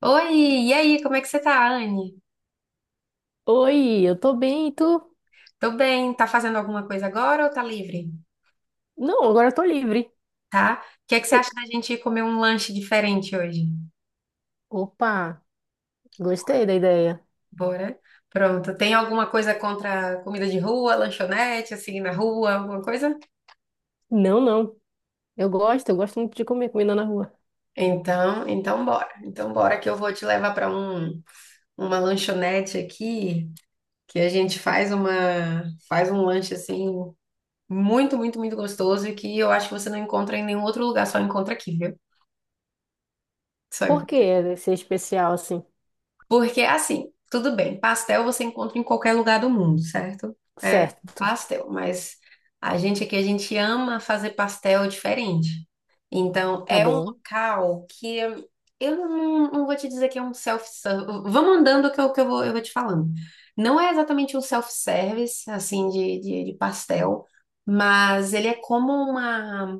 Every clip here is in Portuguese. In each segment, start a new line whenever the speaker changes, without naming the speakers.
Oi, e aí, como é que você tá, Anne?
Oi, eu tô bem, e tu?
Tô bem, tá fazendo alguma coisa agora ou tá livre?
Não, agora eu tô livre.
Tá? O que é que você
Que-
acha da gente ir comer um lanche diferente hoje?
Opa, gostei da ideia.
Bora? Pronto, tem alguma coisa contra comida de rua, lanchonete, assim, na rua, alguma coisa?
Não, não. Eu gosto muito de comer comida na rua.
Então bora. Então bora que eu vou te levar para uma lanchonete aqui, que a gente faz faz um lanche assim muito, muito, muito gostoso e que eu acho que você não encontra em nenhum outro lugar, só encontra aqui, viu? Só
Por
encontra.
que ser especial assim?
Porque, assim, tudo bem, pastel você encontra em qualquer lugar do mundo, certo? É
Certo,
pastel, mas a gente aqui, a gente ama fazer pastel diferente. Então,
tá
é um
bom.
local que eu não vou te dizer que é um self-service. Vamos andando eu vou te falando. Não é exatamente um self-service, assim, de pastel, mas ele é como uma.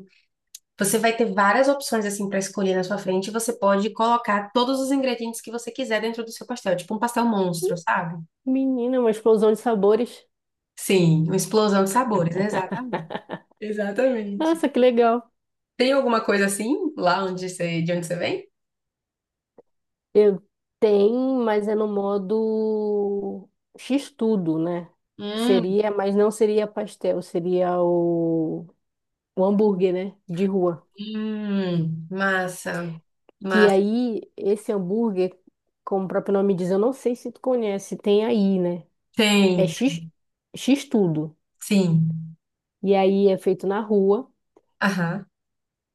Você vai ter várias opções assim para escolher na sua frente. E você pode colocar todos os ingredientes que você quiser dentro do seu pastel, tipo um pastel monstro, sabe?
Menina, uma explosão de sabores.
Sim, uma explosão de sabores, exatamente. Exatamente.
Nossa, que legal.
Tem alguma coisa assim lá onde você, de onde você vem?
Eu tenho, mas é no modo X-tudo, né? Que
Hum,
seria, mas não seria pastel, seria o hambúrguer, né? De rua.
massa,
Que
massa.
aí, esse hambúrguer, como o próprio nome diz, eu não sei se tu conhece, tem aí, né? É
Tem,
X, X tudo.
sim.
E aí é feito na rua
Aham.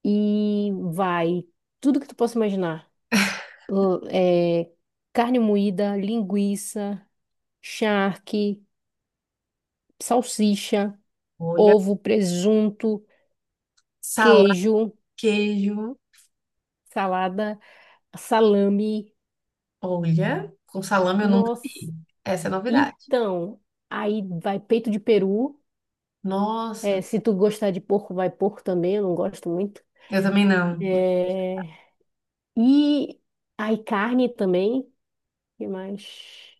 e vai tudo que tu possa imaginar. É, carne moída, linguiça, charque, salsicha,
Olha,
ovo, presunto,
salame,
queijo,
queijo.
salada, salame.
Olha, com salame eu nunca vi.
Nossa,
Essa é novidade.
então, aí vai peito de peru.
Nossa,
É, se tu gostar de porco, vai porco também, eu não gosto muito.
eu também não.
É. E aí carne também, que mais?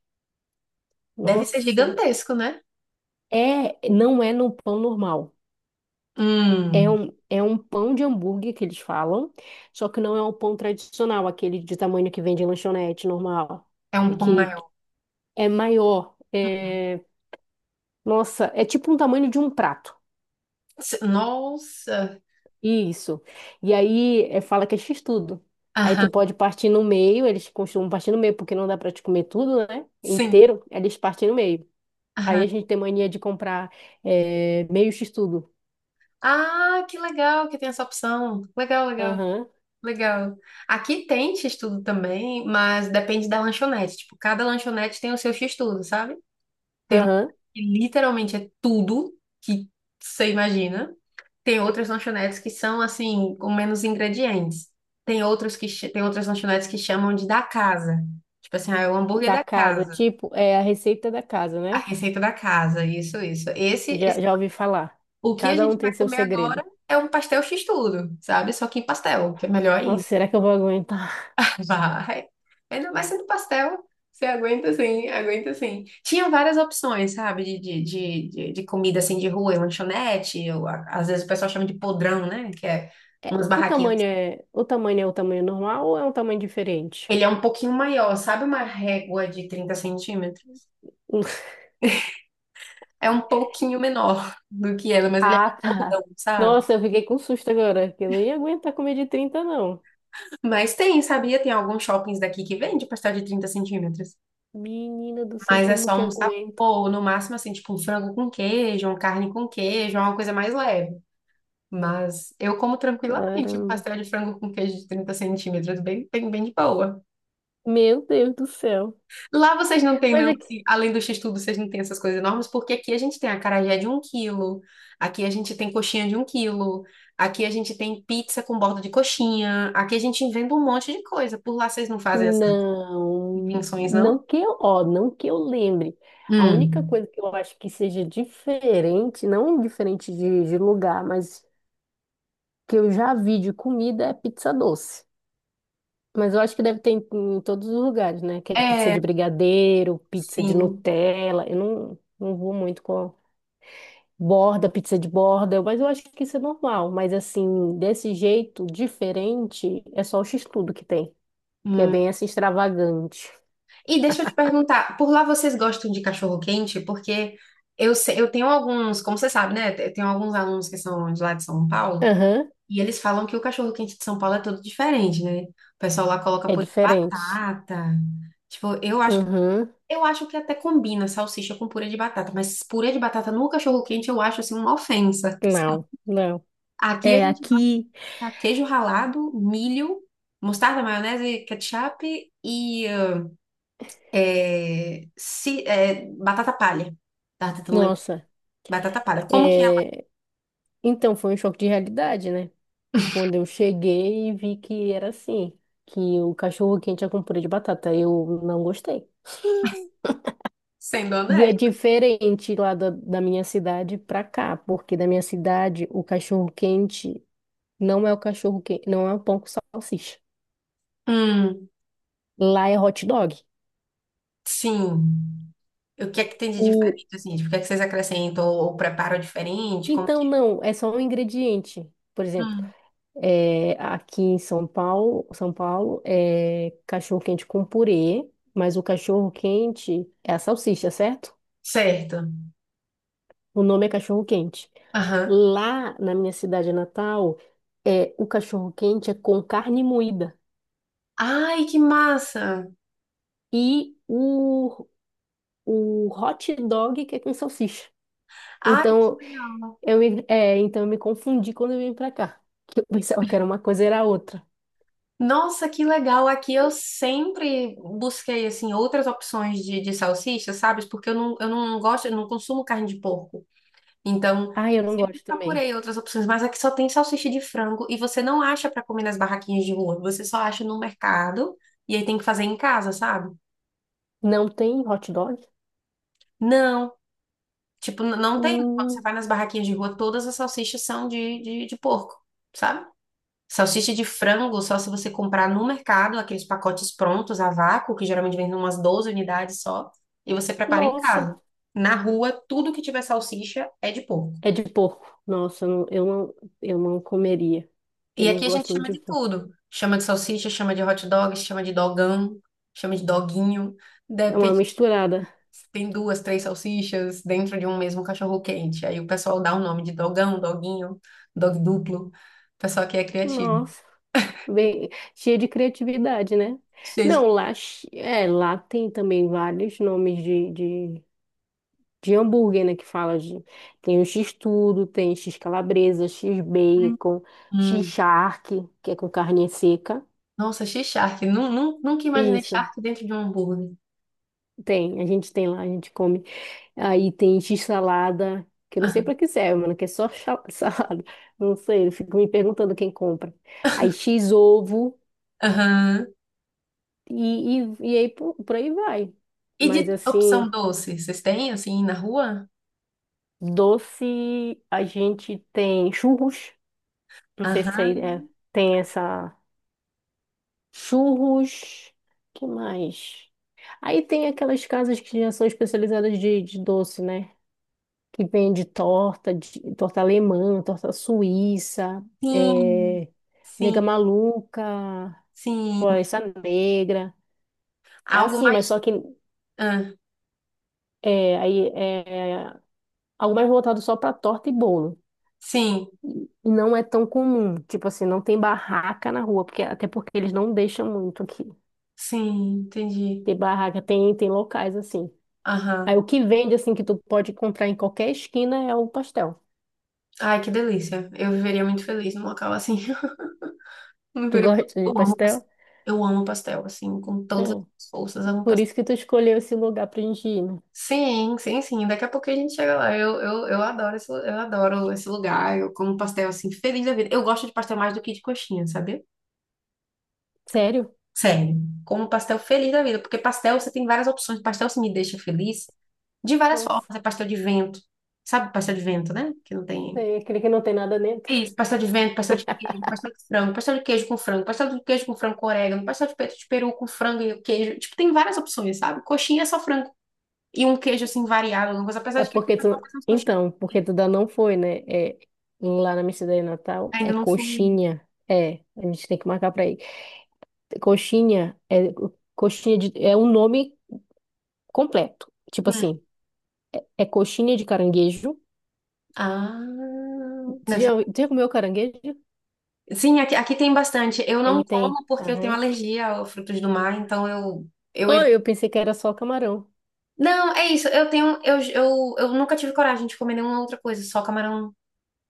Deve ser
Nossa.
gigantesco, né?
É, não é no pão normal. É
Hum,
um, é um pão de hambúrguer que eles falam, só que não é um pão tradicional, aquele de tamanho que vende em lanchonete normal,
É um pão
que
maior.
é maior.
Uhum.
É, nossa, é tipo um tamanho de um prato.
Nossa!
Isso. E aí é, fala que é x-tudo. Aí
Aham,
tu pode partir no meio, eles costumam partir no meio, porque não dá pra te comer tudo, né?
sim.
Inteiro, eles partem no meio. Aí
Aham.
a gente tem mania de comprar é, meio x-tudo.
Ah, que legal que tem essa opção. Legal, legal,
Aham,
legal. Aqui tem X-Tudo também, mas depende da lanchonete. Tipo, cada lanchonete tem o seu X-Tudo, sabe? Tem lanchonete
aham.
que literalmente é tudo que você imagina. Tem outras lanchonetes que são, assim, com menos ingredientes. Tem outras lanchonetes que chamam de da casa. Tipo assim, ah, é o hambúrguer
Da
da
casa,
casa.
tipo, é a receita da casa,
A
né?
receita da casa, isso, isso.
Já, já ouvi falar.
O que a
Cada um
gente vai
tem seu
comer
segredo.
agora é um pastel x-tudo, sabe? Só que em pastel, que é melhor
Nossa,
ainda.
será que eu vou aguentar?
Vai. Ainda mais sendo pastel, você aguenta assim, aguenta assim. Tinha várias opções, sabe? De comida assim de rua, em lanchonete, ou, às vezes o pessoal chama de podrão, né? Que é
É,
umas
o tamanho
barraquinhas.
é, o tamanho é o tamanho normal ou é um tamanho diferente?
Ele é um pouquinho maior, sabe? Uma régua de 30 cm.
Um
É um pouquinho menor do que ela, mas ele é
Ah,
bem
tá.
gordão, sabe?
Nossa, eu fiquei com susto agora, que eu não ia aguentar comer de 30 não.
Mas tem, sabia? Tem alguns shoppings daqui que vende pastel de 30 cm.
Menina do céu,
Mas é
como
só
que
um
aguento?
sabor, no máximo assim, tipo um frango com queijo, uma carne com queijo, é uma coisa mais leve. Mas eu como tranquilamente um
Caramba.
pastel de frango com queijo de 30 cm, bem, bem, bem de boa.
Meu Deus do céu.
Lá vocês não têm,
Mas
não,
é que...
assim, além do x-tudo, vocês não têm essas coisas enormes, porque aqui a gente tem acarajé de 1 kg, aqui a gente tem coxinha de 1 kg, aqui a gente tem pizza com borda de coxinha, aqui a gente inventa um monte de coisa. Por lá vocês não fazem essas
Não,
invenções, não?
não que eu, ó, não que eu lembre. A única
Hum.
coisa que eu acho que seja diferente, não diferente de lugar, mas que eu já vi de comida é pizza doce. Mas eu acho que deve ter em, em todos os lugares, né? Que é pizza
É,
de brigadeiro, pizza de
sim.
Nutella. Eu não vou muito com, borda, pizza de borda, mas eu acho que isso é normal. Mas assim, desse jeito diferente, é só o x-tudo que tem, que é
Hum.
bem assim extravagante.
E deixa eu te perguntar, por lá vocês gostam de cachorro-quente? Porque eu tenho alguns, como você sabe, né? Eu tenho alguns alunos que são de lá de São Paulo,
Aham,
e eles falam que o cachorro-quente de São Paulo é todo diferente, né? O pessoal lá coloca
é
purê de
diferente.
batata. Tipo, eu acho,
Uhum.
eu acho que até combina salsicha com purê de batata, mas purê de batata no cachorro-quente eu acho assim uma ofensa.
Não, não.
Aqui a
É
gente
aqui,
tá, queijo ralado, milho, mostarda, maionese, ketchup e batata palha. Tava tentando lembrar.
nossa,
Batata palha. Como que é lá?
é... então foi um choque de realidade, né? Quando eu cheguei e vi que era assim, que o cachorro quente é com purê de batata, eu não gostei.
Sendo
E é
honesto.
diferente lá da minha cidade pra cá, porque da minha cidade o cachorro quente não é o cachorro quente, não é o pão com salsicha.
Hum,
Lá é hot dog.
sim. O que é que tem de
O...
diferente, assim? Tipo, o que é que vocês acrescentam ou preparam diferente? Como que...
Então, não, é só um ingrediente. Por exemplo,
Hum,
é, aqui em São Paulo, São Paulo é cachorro quente com purê, mas o cachorro quente é a salsicha, certo?
certo.
O nome é cachorro quente.
Aham.
Lá na minha cidade natal, é, o cachorro quente é com carne moída.
Ai, que massa!
E o hot dog que é com salsicha.
Ai, que
Então
legal.
então eu me confundi quando eu vim pra cá. Que eu pensava que era uma coisa e era outra.
Nossa, que legal! Aqui eu sempre busquei assim outras opções de salsicha, sabe? Porque eu não gosto, eu não consumo carne de porco. Então,
Ah, eu não
sempre
gosto também.
procurei outras opções, mas aqui só tem salsicha de frango e você não acha para comer nas barraquinhas de rua, você só acha no mercado e aí tem que fazer em casa, sabe?
Não tem hot dog?
Não, tipo, não tem. Quando você
Hum,
vai nas barraquinhas de rua, todas as salsichas são de porco, sabe? Salsicha de frango, só se você comprar no mercado, aqueles pacotes prontos a vácuo, que geralmente vem umas 12 unidades só, e você prepara em
nossa,
casa. Na rua, tudo que tiver salsicha é de porco.
é de porco. Nossa, eu não comeria, porque
E
eu não
aqui a gente
gosto muito
chama
de
de
porco.
tudo. Chama de salsicha, chama de hot dog, chama de dogão, chama de doguinho.
É uma
Depende
misturada.
se tem duas, três salsichas dentro de um mesmo cachorro quente. Aí o pessoal dá o nome de dogão, doguinho, dog duplo. O pessoal aqui é criativo.
Nossa, bem cheia de criatividade, né?
Gente,
Não, lá, lá tem também vários nomes de hambúrguer, né? Que fala de. Tem o X-tudo, tem X-calabresa,
hum.
X-bacon,
Hum.
X-charque, que é com carne seca.
Nossa, achei charque. Nunca imaginei
Isso,
charque dentro de um hambúrguer.
tem. A gente tem lá, a gente come. Aí tem X-salada, que eu não sei pra que serve, mano, que é só salada. Não sei, eu fico me perguntando quem compra. Aí X-ovo,
Aham.
e aí por aí vai.
E de
Mas
opção
assim,
doce, vocês têm assim na rua?
doce, a gente tem churros. Não sei se aí
Aham.
é, tem essa. Churros, que mais? Aí tem aquelas casas que já são especializadas de doce, né? Que vende torta, torta alemã, torta suíça,
Sim,
é,
sim,
nega maluca,
sim.
floresta negra. É
Algo
assim, mas
mais.
só que
Ah,
é, aí é algo mais voltado só para torta e bolo.
sim,
E não é tão comum. Tipo assim, não tem barraca na rua, porque até porque eles não deixam muito aqui.
sim, entendi.
Tem barraca, tem, tem locais assim. Aí
Aham.
o que vende, assim, que tu pode comprar em qualquer esquina é o pastel.
Ai, que delícia. Eu viveria muito feliz num local assim. Eu
Tu
viveria-
gosta de
eu amo
pastel?
pastel. Eu amo pastel, assim, com todas
É.
as forças. Eu amo
Por
pastel.
isso que tu escolheu esse lugar pra gente ir, né?
Sim, sim, sim. Daqui a pouco a gente chega lá. Eu adoro esse lugar. Eu como pastel assim, feliz da vida. Eu gosto de pastel mais do que de coxinha, sabe?
Sério?
Sério. Como pastel feliz da vida, porque pastel você tem várias opções. Pastel se me deixa feliz de várias
Nossa,
formas. É pastel de vento. Sabe pastel de vento, né? Que não tem.
é aquele que não tem nada dentro.
Isso, pastel de vento, pastel de queijo, pastel de frango, pastel de queijo com frango, pastel de queijo com frango com orégano, pastel de peito de peru com frango e queijo. Tipo, tem várias opções, sabe? Coxinha é só frango e um queijo assim variado, alguma coisa. Apesar
É
de que aqui o
porque
pessoal
tu...
faz umas coxinhas.
Então, porque tu ainda não foi, né? É, lá na Mercearia Natal
Ainda
é
não fui.
coxinha. É, a gente tem que marcar pra ir. Coxinha é coxinha de... É um nome completo. Tipo
Hum.
assim, é coxinha de caranguejo.
Ah,
Tu
deve ser-
já, tu já comeu caranguejo?
Sim, aqui tem bastante. Eu não
Aí tem...
como porque eu tenho
Aham.
alergia a frutos do mar, então eu
Oi,
evito.
eu pensei que era só camarão,
Não, é isso. Eu tenho, eu nunca tive coragem de comer nenhuma outra coisa, só camarão,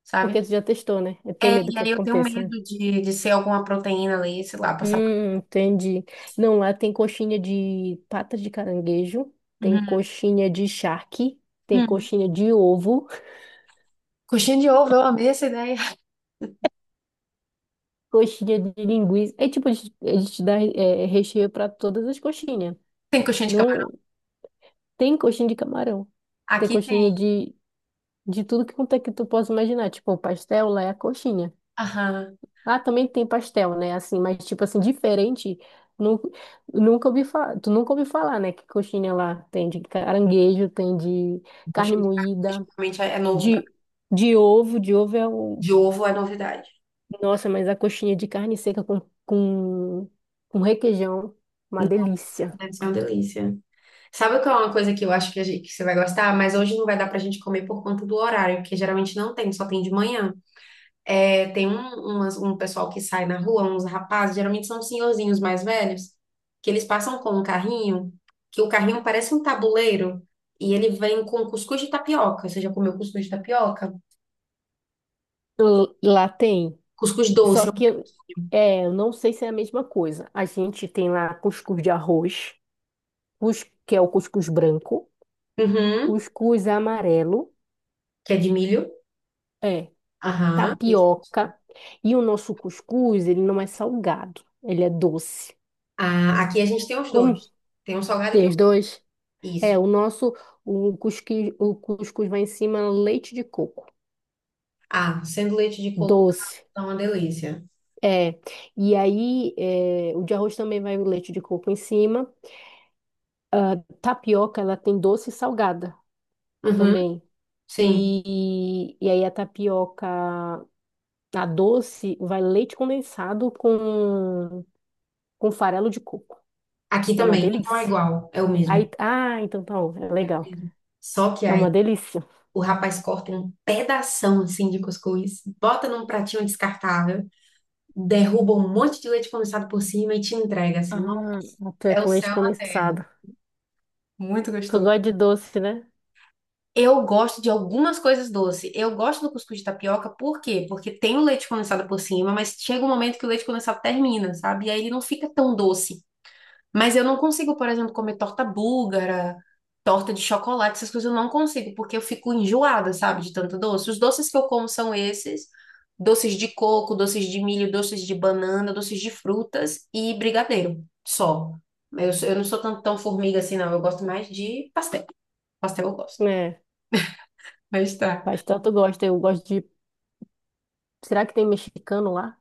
sabe?
porque tu já testou, né? Eu tenho
É,
medo
e
que
aí eu tenho
aconteça, né?
medo de ser alguma proteína ali, sei lá, passar.
Entendi. Não, lá tem coxinha de patas de caranguejo, tem
Uhum.
coxinha de charque, tem
Hum.
coxinha de ovo,
Coxinha de ovo, eu amei essa ideia.
coxinha de linguiça. É tipo, eles te dão é, recheio para todas as coxinhas.
Tem coxinha de camarão?
Não tem coxinha de camarão, tem
Aqui tem.
coxinha de tudo que quanto é que tu possa imaginar. Tipo, o pastel lá é a coxinha.
Aham.
Lá também tem pastel, né? Assim, mas tipo assim, diferente. Nu, nunca ouvi falar, tu nunca ouviu falar, né? Que coxinha lá tem de caranguejo, tem de carne
Coxinha de camarão,
moída,
geralmente é novo pra...
de, de ovo. De ovo é o.
De ovo é novidade.
Nossa, mas a coxinha de carne seca com requeijão, uma
Nossa,
delícia.
deve ser uma delícia. Sabe o que é uma coisa que eu acho que, que você vai gostar? Mas hoje não vai dar pra gente comer por conta do horário, porque geralmente não tem, só tem de manhã. É, tem um pessoal que sai na rua, uns rapazes, geralmente são senhorzinhos mais velhos, que eles passam com um carrinho, que o carrinho parece um tabuleiro, e ele vem com cuscuz de tapioca. Você já comeu cuscuz de tapioca?
Lá tem.
Cuscuz
Só
doce,
que eu- é, eu não sei se é a mesma coisa. A gente tem lá cuscuz de arroz, cus, que é o cuscuz branco,
uhum,
cuscuz amarelo.
que é de milho.
É.
Aham. Esse.
Tapioca. E o nosso cuscuz, ele não é salgado, ele é doce.
Ah, aqui a gente tem os
Como
dois. Tem um salgado e tem
tem os
um...
dois?
Isso.
É, o nosso, o cusqui- o cuscuz vai em cima leite de coco,
Ah, sendo leite de coco
doce.
tá uma delícia.
É, e aí é, o de arroz também vai o leite de coco em cima. Tapioca, ela tem doce e salgada
Uhum,
também.
sim.
E aí a tapioca, a doce, vai leite condensado com farelo de coco.
Aqui
É uma
também. Então é
delícia.
igual, é o mesmo.
Aí, ah, então tá bom, é legal.
Só que
É
aí
uma delícia.
o rapaz corta um pedação assim de cuscuz, bota num pratinho descartável, derruba um monte de leite condensado por cima e te entrega assim. Não,
Ah, até
é o
com leite
céu na terra.
condensado.
Muito
Tu
gostoso.
gosta de doce, né?
Eu gosto de algumas coisas doces. Eu gosto do cuscuz de tapioca, por quê? Porque tem o leite condensado por cima, mas chega um momento que o leite condensado termina, sabe? E aí ele não fica tão doce. Mas eu não consigo, por exemplo, comer torta búlgara, torta de chocolate, essas coisas eu não consigo, porque eu fico enjoada, sabe, de tanto doce. Os doces que eu como são esses: doces de coco, doces de milho, doces de banana, doces de frutas e brigadeiro, só. Eu não sou tão, tão formiga assim, não. Eu gosto mais de pastel. Pastel eu gosto.
É,
Mas tá.
pastel tu gosta, eu gosto de... Será que tem mexicano lá?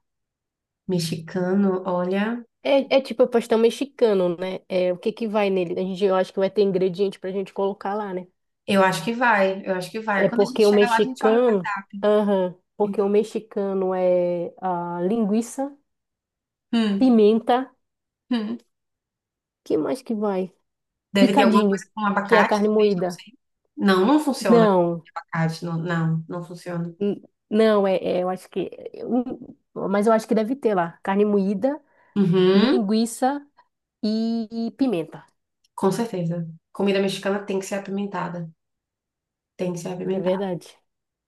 Mexicano, olha,
É tipo pastel mexicano, né? É, o que que vai nele? A gente, eu acho que vai ter ingrediente pra gente colocar lá, né?
eu acho que vai, eu acho que vai.
É
Quando a gente
porque o
chega lá, a gente olha o
mexicano...
cardápio.
Aham, porque o
Então,
mexicano é a linguiça,
hum,
pimenta,
hum.
que mais que vai?
Deve ter alguma
Picadinho,
coisa com
que é a
abacate,
carne
talvez, não
moída.
sei. Não, não funciona.
Não.
Abacate, não, não, não funciona.
N- Não, eu acho que. Mas eu acho que deve ter lá. Carne moída,
Uhum,
linguiça e pimenta.
com certeza. Comida mexicana tem que ser apimentada. Tem que ser
Não é
apimentada.
verdade?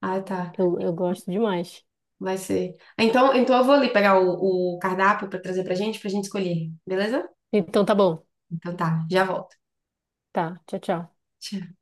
Ah, tá.
Eu gosto demais.
Vai ser. Então eu vou ali pegar o cardápio para trazer pra gente escolher, beleza?
Então tá bom.
Então tá, já volto.
Tá, tchau, tchau.
Tchau.